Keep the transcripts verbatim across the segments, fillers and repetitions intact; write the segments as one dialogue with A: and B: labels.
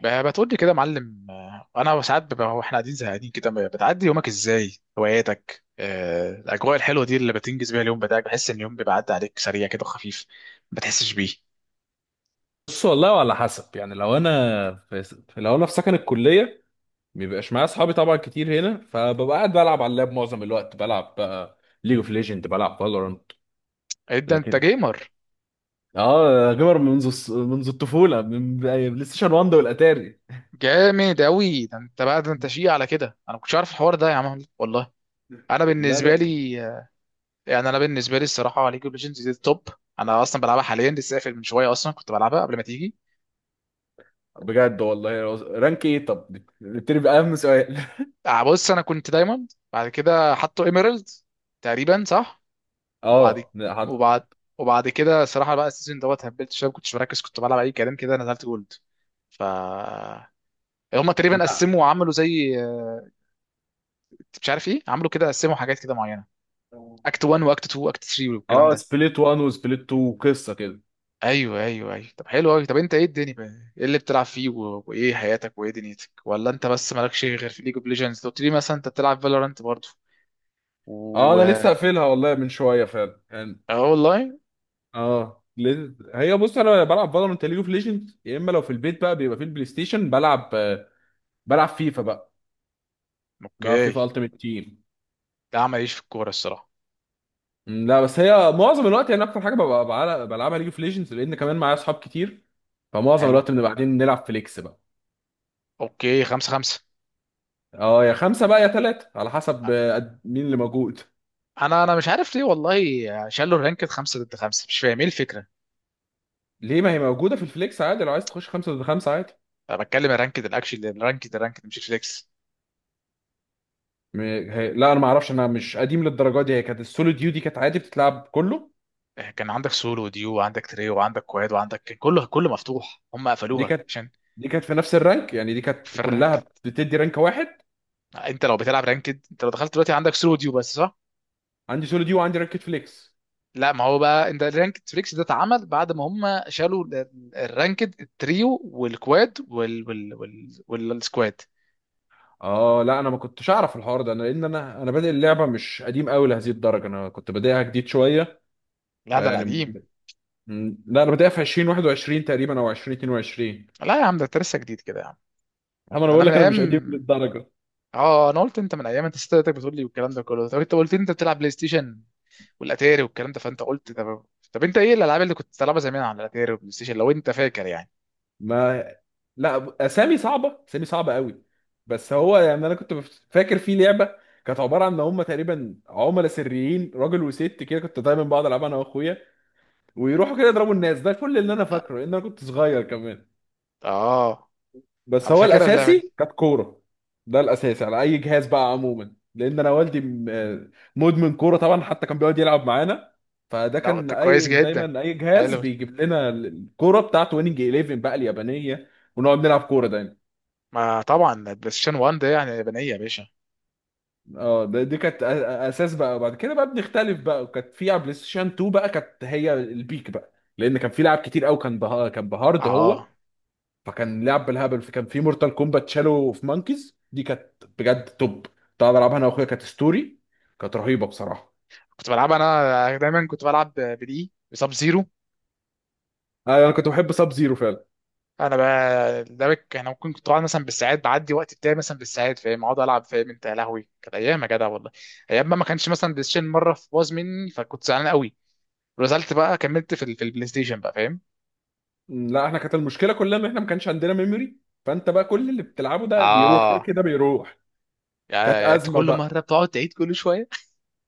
A: ب- بتقول لي كده يا معلم، آه، انا ساعات ببقى واحنا قاعدين زهقانين كده، ب- بتعدي يومك ازاي؟ هواياتك، آه، الاجواء الحلوه دي اللي بتنجز بيها اليوم بتاعك. بحس ان اليوم بيبقى عدى عليك سريع كده وخفيف، ما بتحسش بيه.
B: بص والله، وعلى حسب يعني. لو انا في في- لو انا في سكن الكليه، مبيبقاش معايا اصحابي طبعا كتير هنا، فببقى قاعد بلعب على اللاب معظم الوقت. بلعب بقى ليج اوف ليجند، بلعب فالورانت.
A: إيه ده؟ انت
B: لكن
A: جيمر؟
B: اه، جيمر منذ الص- منذ الطفوله، من بلاي ستيشن واحد والاتاري.
A: جامد قوي، ده انت بقى ده انت شيء على كده. انا ما كنتش عارف الحوار ده يا عم والله. انا
B: لا
A: بالنسبه
B: لا،
A: لي، آه، يعني انا بالنسبه لي الصراحه ليج اوف ليجندز دي التوب. انا اصلا بلعبها حاليا، لسه قافل من شويه، اصلا كنت بلعبها قبل ما تيجي.
B: بجد والله؟ رانك ايه؟ طب نبتدي باهم سؤال.
A: آه، بص، انا كنت دايموند، بعد كده حطوا ايميرالد تقريبا، صح. وبعد
B: اه. حط.
A: وبعد وبعد كده صراحه بقى، السيزون دوت هبلت شويه، ما كنتش مركز، كنت بلعب اي كلام كده، نزلت جولد. ف هم تقريبا
B: لا.
A: قسموا وعملوا زي، آه، مش عارف ايه، عملوا كده قسموا حاجات كده معينه، اكت واحد واكت اتنين واكت تلاته والكلام
B: اه،
A: ده.
B: سبليت واحد وسبليت اتنين، قصه كده.
A: ايوه، ايوه، ايوه، طب حلو قوي. طب انت ايه الدنيا بقى؟ ايه اللي بتلعب فيه و... وايه حياتك وايه دنيتك؟ ولا انت بس مالكش غير في ليج اوف ليجندز؟ قلت لي مثلا انت بتلعب فالورانت برضه؟
B: اه،
A: و
B: انا لسه قافلها والله من شويه فعلا يعني.
A: اه والله.
B: اه، لز- هي بص، انا بلعب فالورانت ليج اوف ليجندز. يا اما لو في البيت بقى، بيبقى في البلاي ستيشن بلعب آه، بلعب فيفا بقى، بلعب فيفا
A: اوكي.
B: التيمت تيم.
A: ده عمل ايش في الكوره الصراحه؟
B: م، لا، بس هي معظم الوقت يعني، اكتر حاجه ببقى بعل- بلعبها ليج اوف ليجندز، لان كمان معايا اصحاب كتير. فمعظم
A: حلو.
B: الوقت بنبقى قاعدين نلعب فليكس بقى.
A: اوكي، خمسة خمسة.
B: اه، يا خمسه بقى يا ثلاثه على حسب آه، قد- مين اللي موجود.
A: انا انا مش عارف ليه والله، شالوا الرانكد خمسة ضد خمسة، مش فاهم ايه الفكرة.
B: ليه؟ ما هي موجوده في الفليكس عادي. لو عايز تخش خمسه ضد خمسه، عادي.
A: انا بتكلم الرانكد، الاكشن، الرانكد الرانكد مش فليكس.
B: م- هي- لا، انا ما اعرفش، انا مش قديم للدرجه دي. هي كانت السولو ديو دي كانت عادي بتتلعب كله.
A: آه، كان عندك سولو وديو، وعندك تريو، وعندك كواد، وعندك كان كله كله مفتوح، هم
B: دي
A: قفلوها
B: كانت
A: عشان
B: دي كانت في نفس الرانك، يعني دي
A: في
B: كانت كلها
A: الرانكد.
B: بتدي رانك واحد.
A: انت لو بتلعب رانكد، انت لو دخلت دلوقتي عندك سولو وديو بس، صح؟
B: عندي سولو دي، وعندي رانكت فليكس.
A: لا ما هو بقى، انت الرانكد فليكس ده اتعمل بعد ما هم شالوا ال- ال- الرانكد التريو والكواد وال وال وال والسكواد.
B: اه لا، انا ما كنتش اعرف الحوار ده، انا لان انا انا بادئ اللعبه، مش قديم قوي لهذه الدرجه، انا كنت بادئها جديد شويه. ب-
A: لا ده
B: يعني
A: القديم.
B: م- لا، انا بادئها في الفين وواحد وعشرين تقريبا او الفين واتنين وعشرين.
A: لا يا عم، ده انت لسه جديد كده يا عم.
B: اما انا
A: ده انا
B: بقول
A: من
B: لك انا مش قديم
A: ايام.
B: للدرجه.
A: اه، انا قلت انت من ايام، انت ستاتك بتقول لي والكلام ده كله. طب انت قلت لي انت بتلعب بلاي ستيشن والاتاري والكلام ده، فانت قلت. طب طب انت ايه الالعاب اللي كنت بتلعبها زمان على الاتاري والبلاي ستيشن لو انت فاكر يعني؟
B: ما لا، اسامي صعبه، اسامي صعبه قوي. بس هو يعني انا كنت بف- فاكر في لعبه، كانت عباره عن ان هم تقريبا عملاء سريين، راجل وست كده. كنت دايما بقعد العبها انا واخويا، ويروحوا كده يضربوا الناس. ده كل اللي انا فاكره لان انا كنت صغير كمان.
A: اه،
B: بس
A: انا
B: هو
A: فاكرها اللعبه
B: الاساسي
A: دي.
B: كانت كوره، ده الاساسي على اي جهاز بقى عموما، لان انا والدي م- مدمن كوره طبعا، حتى كان بيقعد يلعب معانا. فده
A: لا
B: كان
A: انت كويس
B: اي،
A: جدا.
B: دايما اي جهاز
A: حلو.
B: بيجيب لنا الكوره بتاعته، ويننج احداشر بقى اليابانيه، ونقعد نلعب كوره دايما.
A: ما طبعا البلاي ستيشن واحد ده يعني يابانيه يا باشا.
B: اه، ده- دي كانت أ- أ- اساس بقى. بعد كده بقى بنختلف بقى، وكانت في على بلاي ستيشن اتنين بقى كانت هي البيك بقى، لان كان في لعب كتير قوي، كان بها، كان بهارد هو.
A: اه،
B: فكان لعب بالهبل، فكان في مورتال كومبات، شالو في مانكيز دي كانت بجد توب. كنت قاعد العبها انا واخويا، كانت ستوري كانت رهيبه بصراحه.
A: كنت بلعب انا دايما، كنت بلعب بدي بسب زيرو.
B: انا أنا كنت بحب ساب زيرو فعلا.
A: انا بقى ده بك، انا ممكن كنت قاعد مثلا بالساعات، بعدي وقت بتاعي مثلا بالساعات فاهم، اقعد العب، فاهم انت؟ يا لهوي كانت ايام يا جدع والله. ايام ما ما كانش مثلا بلاي ستيشن، مره في باظ مني فكنت زعلان قوي، نزلت بقى كملت في ال- في البلاي ستيشن بقى، فاهم؟
B: م، لا، احنا كانت المشكله كلها ان احنا ما كانش عندنا ميموري، فانت بقى كل اللي بتلعبه ده بيروح، كده
A: اه،
B: كده بيروح. كانت
A: يعني انت
B: ازمه
A: كل مره
B: بقى.
A: بتقعد تعيد كل شويه،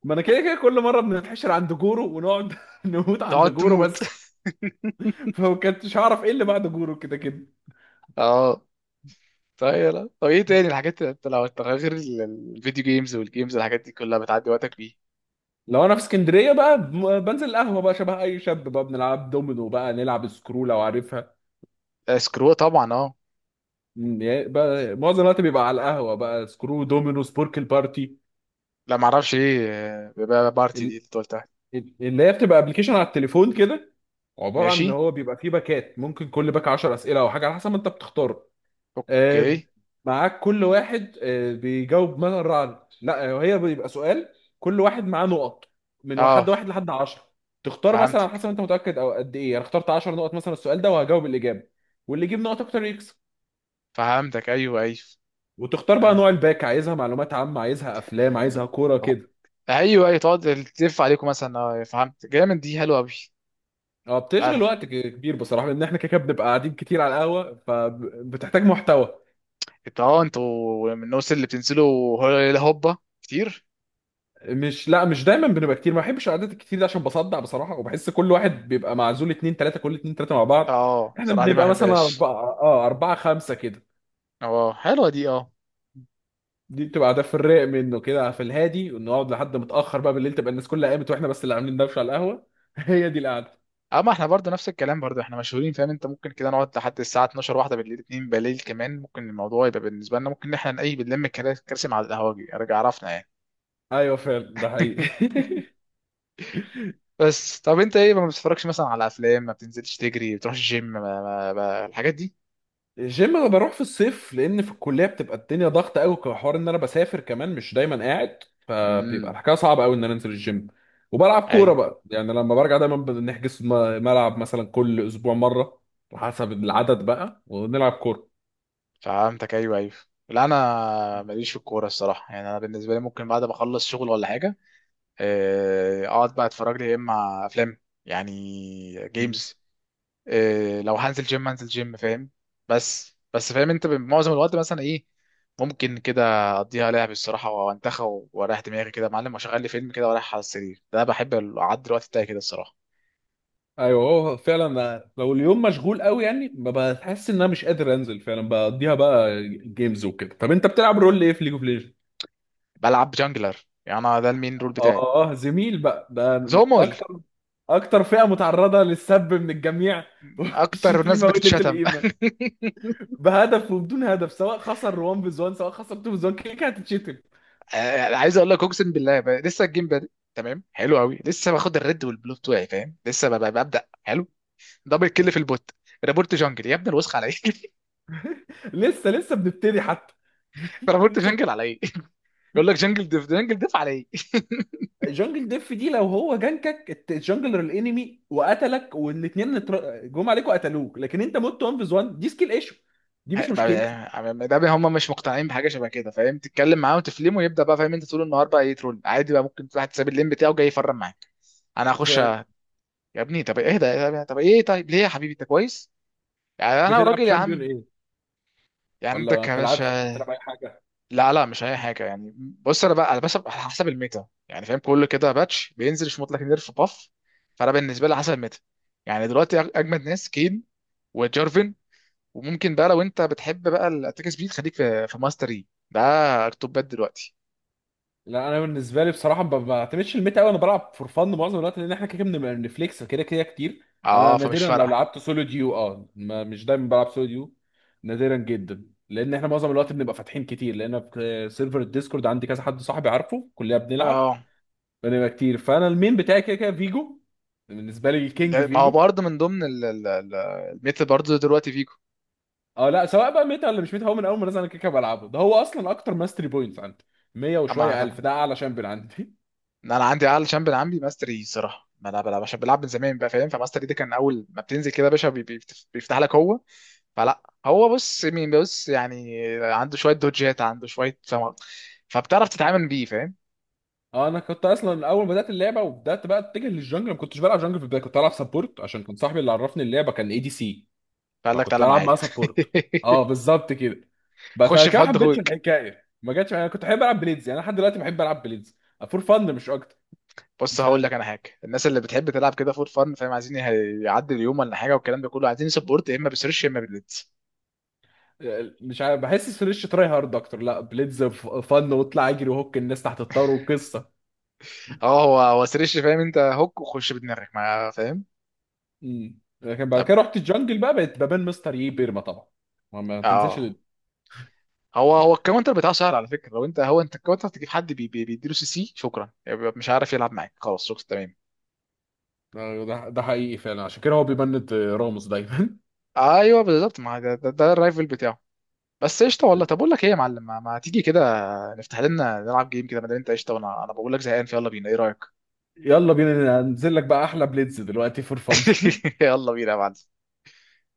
B: ما انا كده كده كل مره بنتحشر عند جورو، ونقعد نموت عند
A: تقعد
B: جورو
A: تموت.
B: بس، فما كنتش هعرف ايه اللي بعد جورو كده كده.
A: اه، طيب يلا. طب ايه تاني الحاجات اللي انت، لو انت غير ال- الفيديو جيمز والجيمز، الحاجات دي كلها بتعدي وقتك بيه؟
B: لو انا في اسكندريه بقى، ب- بنزل القهوه بقى شبه اي شاب بقى، بنلعب دومينو بقى، نلعب سكرو لو عارفها.
A: آه، سكرو طبعا، اه.
B: مم، يعني بقى معظم الوقت بيبقى على القهوه بقى، سكرو، دومينو، سبوركل بارتي.
A: لا ما اعرفش ايه، آه، بقى بارتي دي
B: ال-
A: اللي انت قلتها.
B: ال- اللي هي بتبقى ابلكيشن على التليفون كده، عباره عن ان
A: ماشي.
B: هو بيبقى فيه باكات، ممكن كل باك عشر اسئله او حاجه على حسب ما انت بتختار. آه،
A: اوكي.
B: معاك كل واحد آه، بيجاوب مثلا الرعد. لا، هي بيبقى سؤال، كل واحد معاه نقط من
A: اه.
B: واحد واحد لحد عشر. تختار مثلا على
A: فهمتك.
B: حسب انت متاكد، او قد ايه. انا اخترت عشر نقط مثلا السؤال ده وهجاوب الاجابه، واللي يجيب نقط اكتر يكسب.
A: فهمتك، ايوه، ايوه.
B: وتختار بقى
A: آه.
B: نوع الباك، عايزها معلومات عامه، عايزها افلام، عايزها كوره
A: أوك.
B: كده.
A: ايوه، ايوه، تقعد تلف عليكم مثلا، آه، فهمت. جامد، دي حلوه قوي.
B: اه، بتشغل
A: آه.
B: وقت ك- كبير بصراحه، لان احنا كده كده بنبقى قاعدين كتير على القهوه، فبتحتاج محتوى.
A: انتوا اه انتوا من الناس اللي بتنزلوا هلا هوبا كتير؟
B: مش، لا، مش دايما بنبقى كتير. ما بحبش القعدات الكتير دي عشان بصدع بصراحه، وبحس كل واحد بيبقى معزول اتنين تلاته، كل اتنين تلاته مع بعض.
A: اه،
B: احنا
A: صراحه دي ما
B: بنبقى مثلا
A: بحبهاش.
B: اربعه، اه اربعه خمسه كده.
A: اه، حلوه دي، اه.
B: دي بتبقى قعدات في الرايق منه كده، في الهادي، ونقعد لحد متاخر بقى بالليل، تبقى الناس كلها قامت واحنا بس اللي عاملين دوشه على القهوه هي دي القعده.
A: اما احنا برضه نفس الكلام، برضه احنا مشهورين فاهم انت، ممكن كده نقعد لحد الساعه اتناشر واحده بالليل، اتنين بالليل كمان، ممكن الموضوع يبقى بالنسبه لنا ممكن إن احنا نقيب بنلم الكراسي على القهوجي، ارجع عرفنا يعني.
B: ايوه فعلا، ده حقيقي
A: بس طب انت ايه، ما بتتفرجش مثلا على افلام؟ ما بتنزلش تجري؟ ما بتروحش الجيم؟ ما ما ما الحاجات دي؟
B: الجيم انا بروح في الصيف، لان في الكليه بتبقى الدنيا ضغط قوي، كحوار ان انا بسافر كمان، مش دايما قاعد، فبيبقى
A: امم
B: الحكايه صعبه قوي ان انا انزل الجيم. وبلعب كوره
A: ايوه،
B: بقى يعني لما برجع، دايما بنحجز م- ملعب مثلا كل اسبوع مره، حسب العدد بقى، ونلعب كوره.
A: فهمتك، ايوه، ايوه. لا، انا ماليش في الكوره الصراحه. يعني انا بالنسبه لي، ممكن بعد ما اخلص شغل ولا حاجه، آه، اقعد بقى اتفرج لي يا اما افلام يعني
B: مم.
A: جيمز. آه، لو هنزل جيم هنزل جيم، فاهم؟ بس بس فاهم انت، معظم الوقت مثلا ايه، ممكن كده اقضيها لعب الصراحه وانتخى، واريح دماغي كده يا معلم، واشغل لي فيلم كده واريح على السرير. ده انا بحب اعدي الوقت بتاعي كده الصراحه.
B: ايوه، هو فعلا لو اليوم مشغول قوي يعني، بحس ان انا مش قادر انزل فعلا، بقضيها بقى جيمز وكده. طب انت بتلعب رول ايه في ليج اوف؟
A: بلعب جانجلر، يعني انا ده المين رول بتاعي.
B: اه، زميل بقى ده.
A: زومول.
B: اكتر، اكتر فئة متعرضة للسب من الجميع
A: اكتر ناس
B: والشتيمة وقلة
A: بتتشتم.
B: القيمة. بهدف وبدون هدف، سواء خسر واحد فيز واحد، سواء خسر اتنين فيز واحد، كده كده هتتشتم.
A: آه، عايز اقول لك اقسم بالله، ب- لسه الجيم بادئ. تمام، حلو قوي، لسه باخد الريد والبلو بتوعي، فاهم لسه ب- ب- ببدا حلو. دبل كيل في البوت، رابورت جانجل يا ابني الوسخ، على ايه؟
B: لسه، لسه بنبتدي حتى.
A: رابورت
B: لسه بن-
A: جانجل على ايه؟ يقول لك جانجل ديف، جانجل ديف على ايه؟
B: جانجل ديف دي، لو هو جنكك الت- الجانجلر الانمي وقتلك، والاثنين جم عليك وقتلوك، لكن انت مت واحد فيز واحد، دي سكيل ايشو، دي مش مشكلتي.
A: ده هم مش مقتنعين بحاجه شبه كده، فاهم؟ تتكلم معاه وتفلمه ويبدا بقى، فاهم انت، طول النهار بقى يترول عادي بقى، ممكن واحد ساب اللين بتاعه جاي يفرم معاك. انا هخش،
B: ف-
A: يا ابني طب ايه ده؟ طب ايه؟ طيب ليه يا حبيبي انت كويس؟ يعني انا
B: بتلعب
A: وراجل يا
B: شامبيون
A: عم؟
B: ايه؟
A: يعني
B: ولا ما
A: عندك يا
B: بتلعبش،
A: باشا.
B: بتلعب اي حاجة؟
A: لا، لا، مش اي حاجه يعني. بص، انا بقى على، بس على حسب الميتا يعني، فاهم؟ كل كده باتش بينزل يشمط لك نيرف باف، فانا بالنسبه لي على حسب الميتا. يعني دلوقتي أج- اجمد ناس كين وجارفن، وممكن بقى لو انت بتحب بقى الاتاك سبيد، خليك في في ماستري ده، التوبات دلوقتي.
B: لا، انا بالنسبه لي بصراحه ما ما بعتمدش الميت قوي، انا بلعب فور فن معظم الوقت، لان احنا كده كده بنبقى بنفليكس كده كده كتير. انا
A: اه، فمش
B: نادرا لو
A: فارقه.
B: لعبت سولو ديو، اه، ما مش دايما بلعب سولو ديو، نادرا جدا، لان احنا معظم الوقت بنبقى فاتحين كتير، لان في سيرفر الديسكورد عندي كذا حد صاحبي، عارفه كلنا بنلعب،
A: اه،
B: بنبقى كتير. فانا المين بتاعي كده كده فيجو، بالنسبه لي
A: ده
B: الكينج
A: ما هو
B: فيجو.
A: برضه من ضمن ال- ال- ال- الميتا برضه دلوقتي فيجو.
B: اه لا، سواء بقى ميتا ولا مش ميتا، هو من اول ما نزل انا كده كده بلعبه، ده هو اصلا اكتر ماستري بوينتس عندي، مية وشويه
A: اما
B: الف، ده اعلى شامبيون عندي
A: إن انا عندي اعلى شامبيون عندي ماستري صراحه، ما انا بلعب عشان بلعب من زمان بقى فاهم، فماستري ده كان اول ما بتنزل كده يا باشا بي- بي- بيفتح لك هو. فلا هو، بص مين، بص يعني، عنده شويه دوجات، عنده شويه فم... فبتعرف تتعامل بيه، فاهم؟
B: اه، انا كنت اصلا اول ما بدات اللعبه وبدات بقى اتجه للجنجل، ما كنتش بلعب جنجل في البدايه، كنت بلعب سبورت، عشان كان صاحبي اللي عرفني اللعبه كان اي دي سي،
A: فقال لك
B: فكنت
A: تعالى
B: بلعب معاه
A: معايا.
B: سبورت. اه، بالظبط كده. بس انا
A: خش في
B: كده ما
A: حد
B: حبيتش
A: اخوك.
B: الحكايه، ما جاتش، انا كنت بحب العب بليدز، يعني انا لحد دلوقتي بحب العب بليدز فور فن مش اكتر.
A: بص
B: مش
A: هقول لك انا حاجه، الناس اللي بتحب تلعب كده فور فن فاهم، عايزين يه- يعدي اليوم ولا حاجه والكلام ده كله، عايزين سبورت، يا اما بسرش، يا اما بالليدز.
B: مش عارف، بحس سريش تراي هارد اكتر. لا بليدز فن، واطلع اجري، وهوك الناس تحت الطار وقصه.
A: اه، هو هو سرش فاهم انت، هوك وخش بدماغك، ما فاهم.
B: امم. لكن بعد
A: طب
B: كده رحت الجنجل بقى، بقيت ببان مستر يي بيرما طبعا، ما ما تنساش.
A: اه، هو هو الكاونتر بتاعه سهل على فكره، لو انت، هو انت الكاونتر، تجيب حد بي- بي- بيديله سي سي شكرا، يعني بيبقى مش عارف يلعب معاك خلاص، شكرا تمام.
B: آه، ده ده حقيقي فعلا، عشان كده هو بيبند آه، راموس دايما.
A: ايوه بالظبط، ما ده, ده, ده الرايفل بتاعه. بس قشطه والله. طب اقول لك ايه يا معلم، ما, ما تيجي كده، نفتح لنا نلعب جيم كده، ما دام انت قشطه، وانا انا بقول لك زهقان، فيلا بينا ايه رايك؟
B: يلا بينا، ننزل لك بقى احلى بليدز دلوقتي فور فن.
A: يلا بينا يا معلم.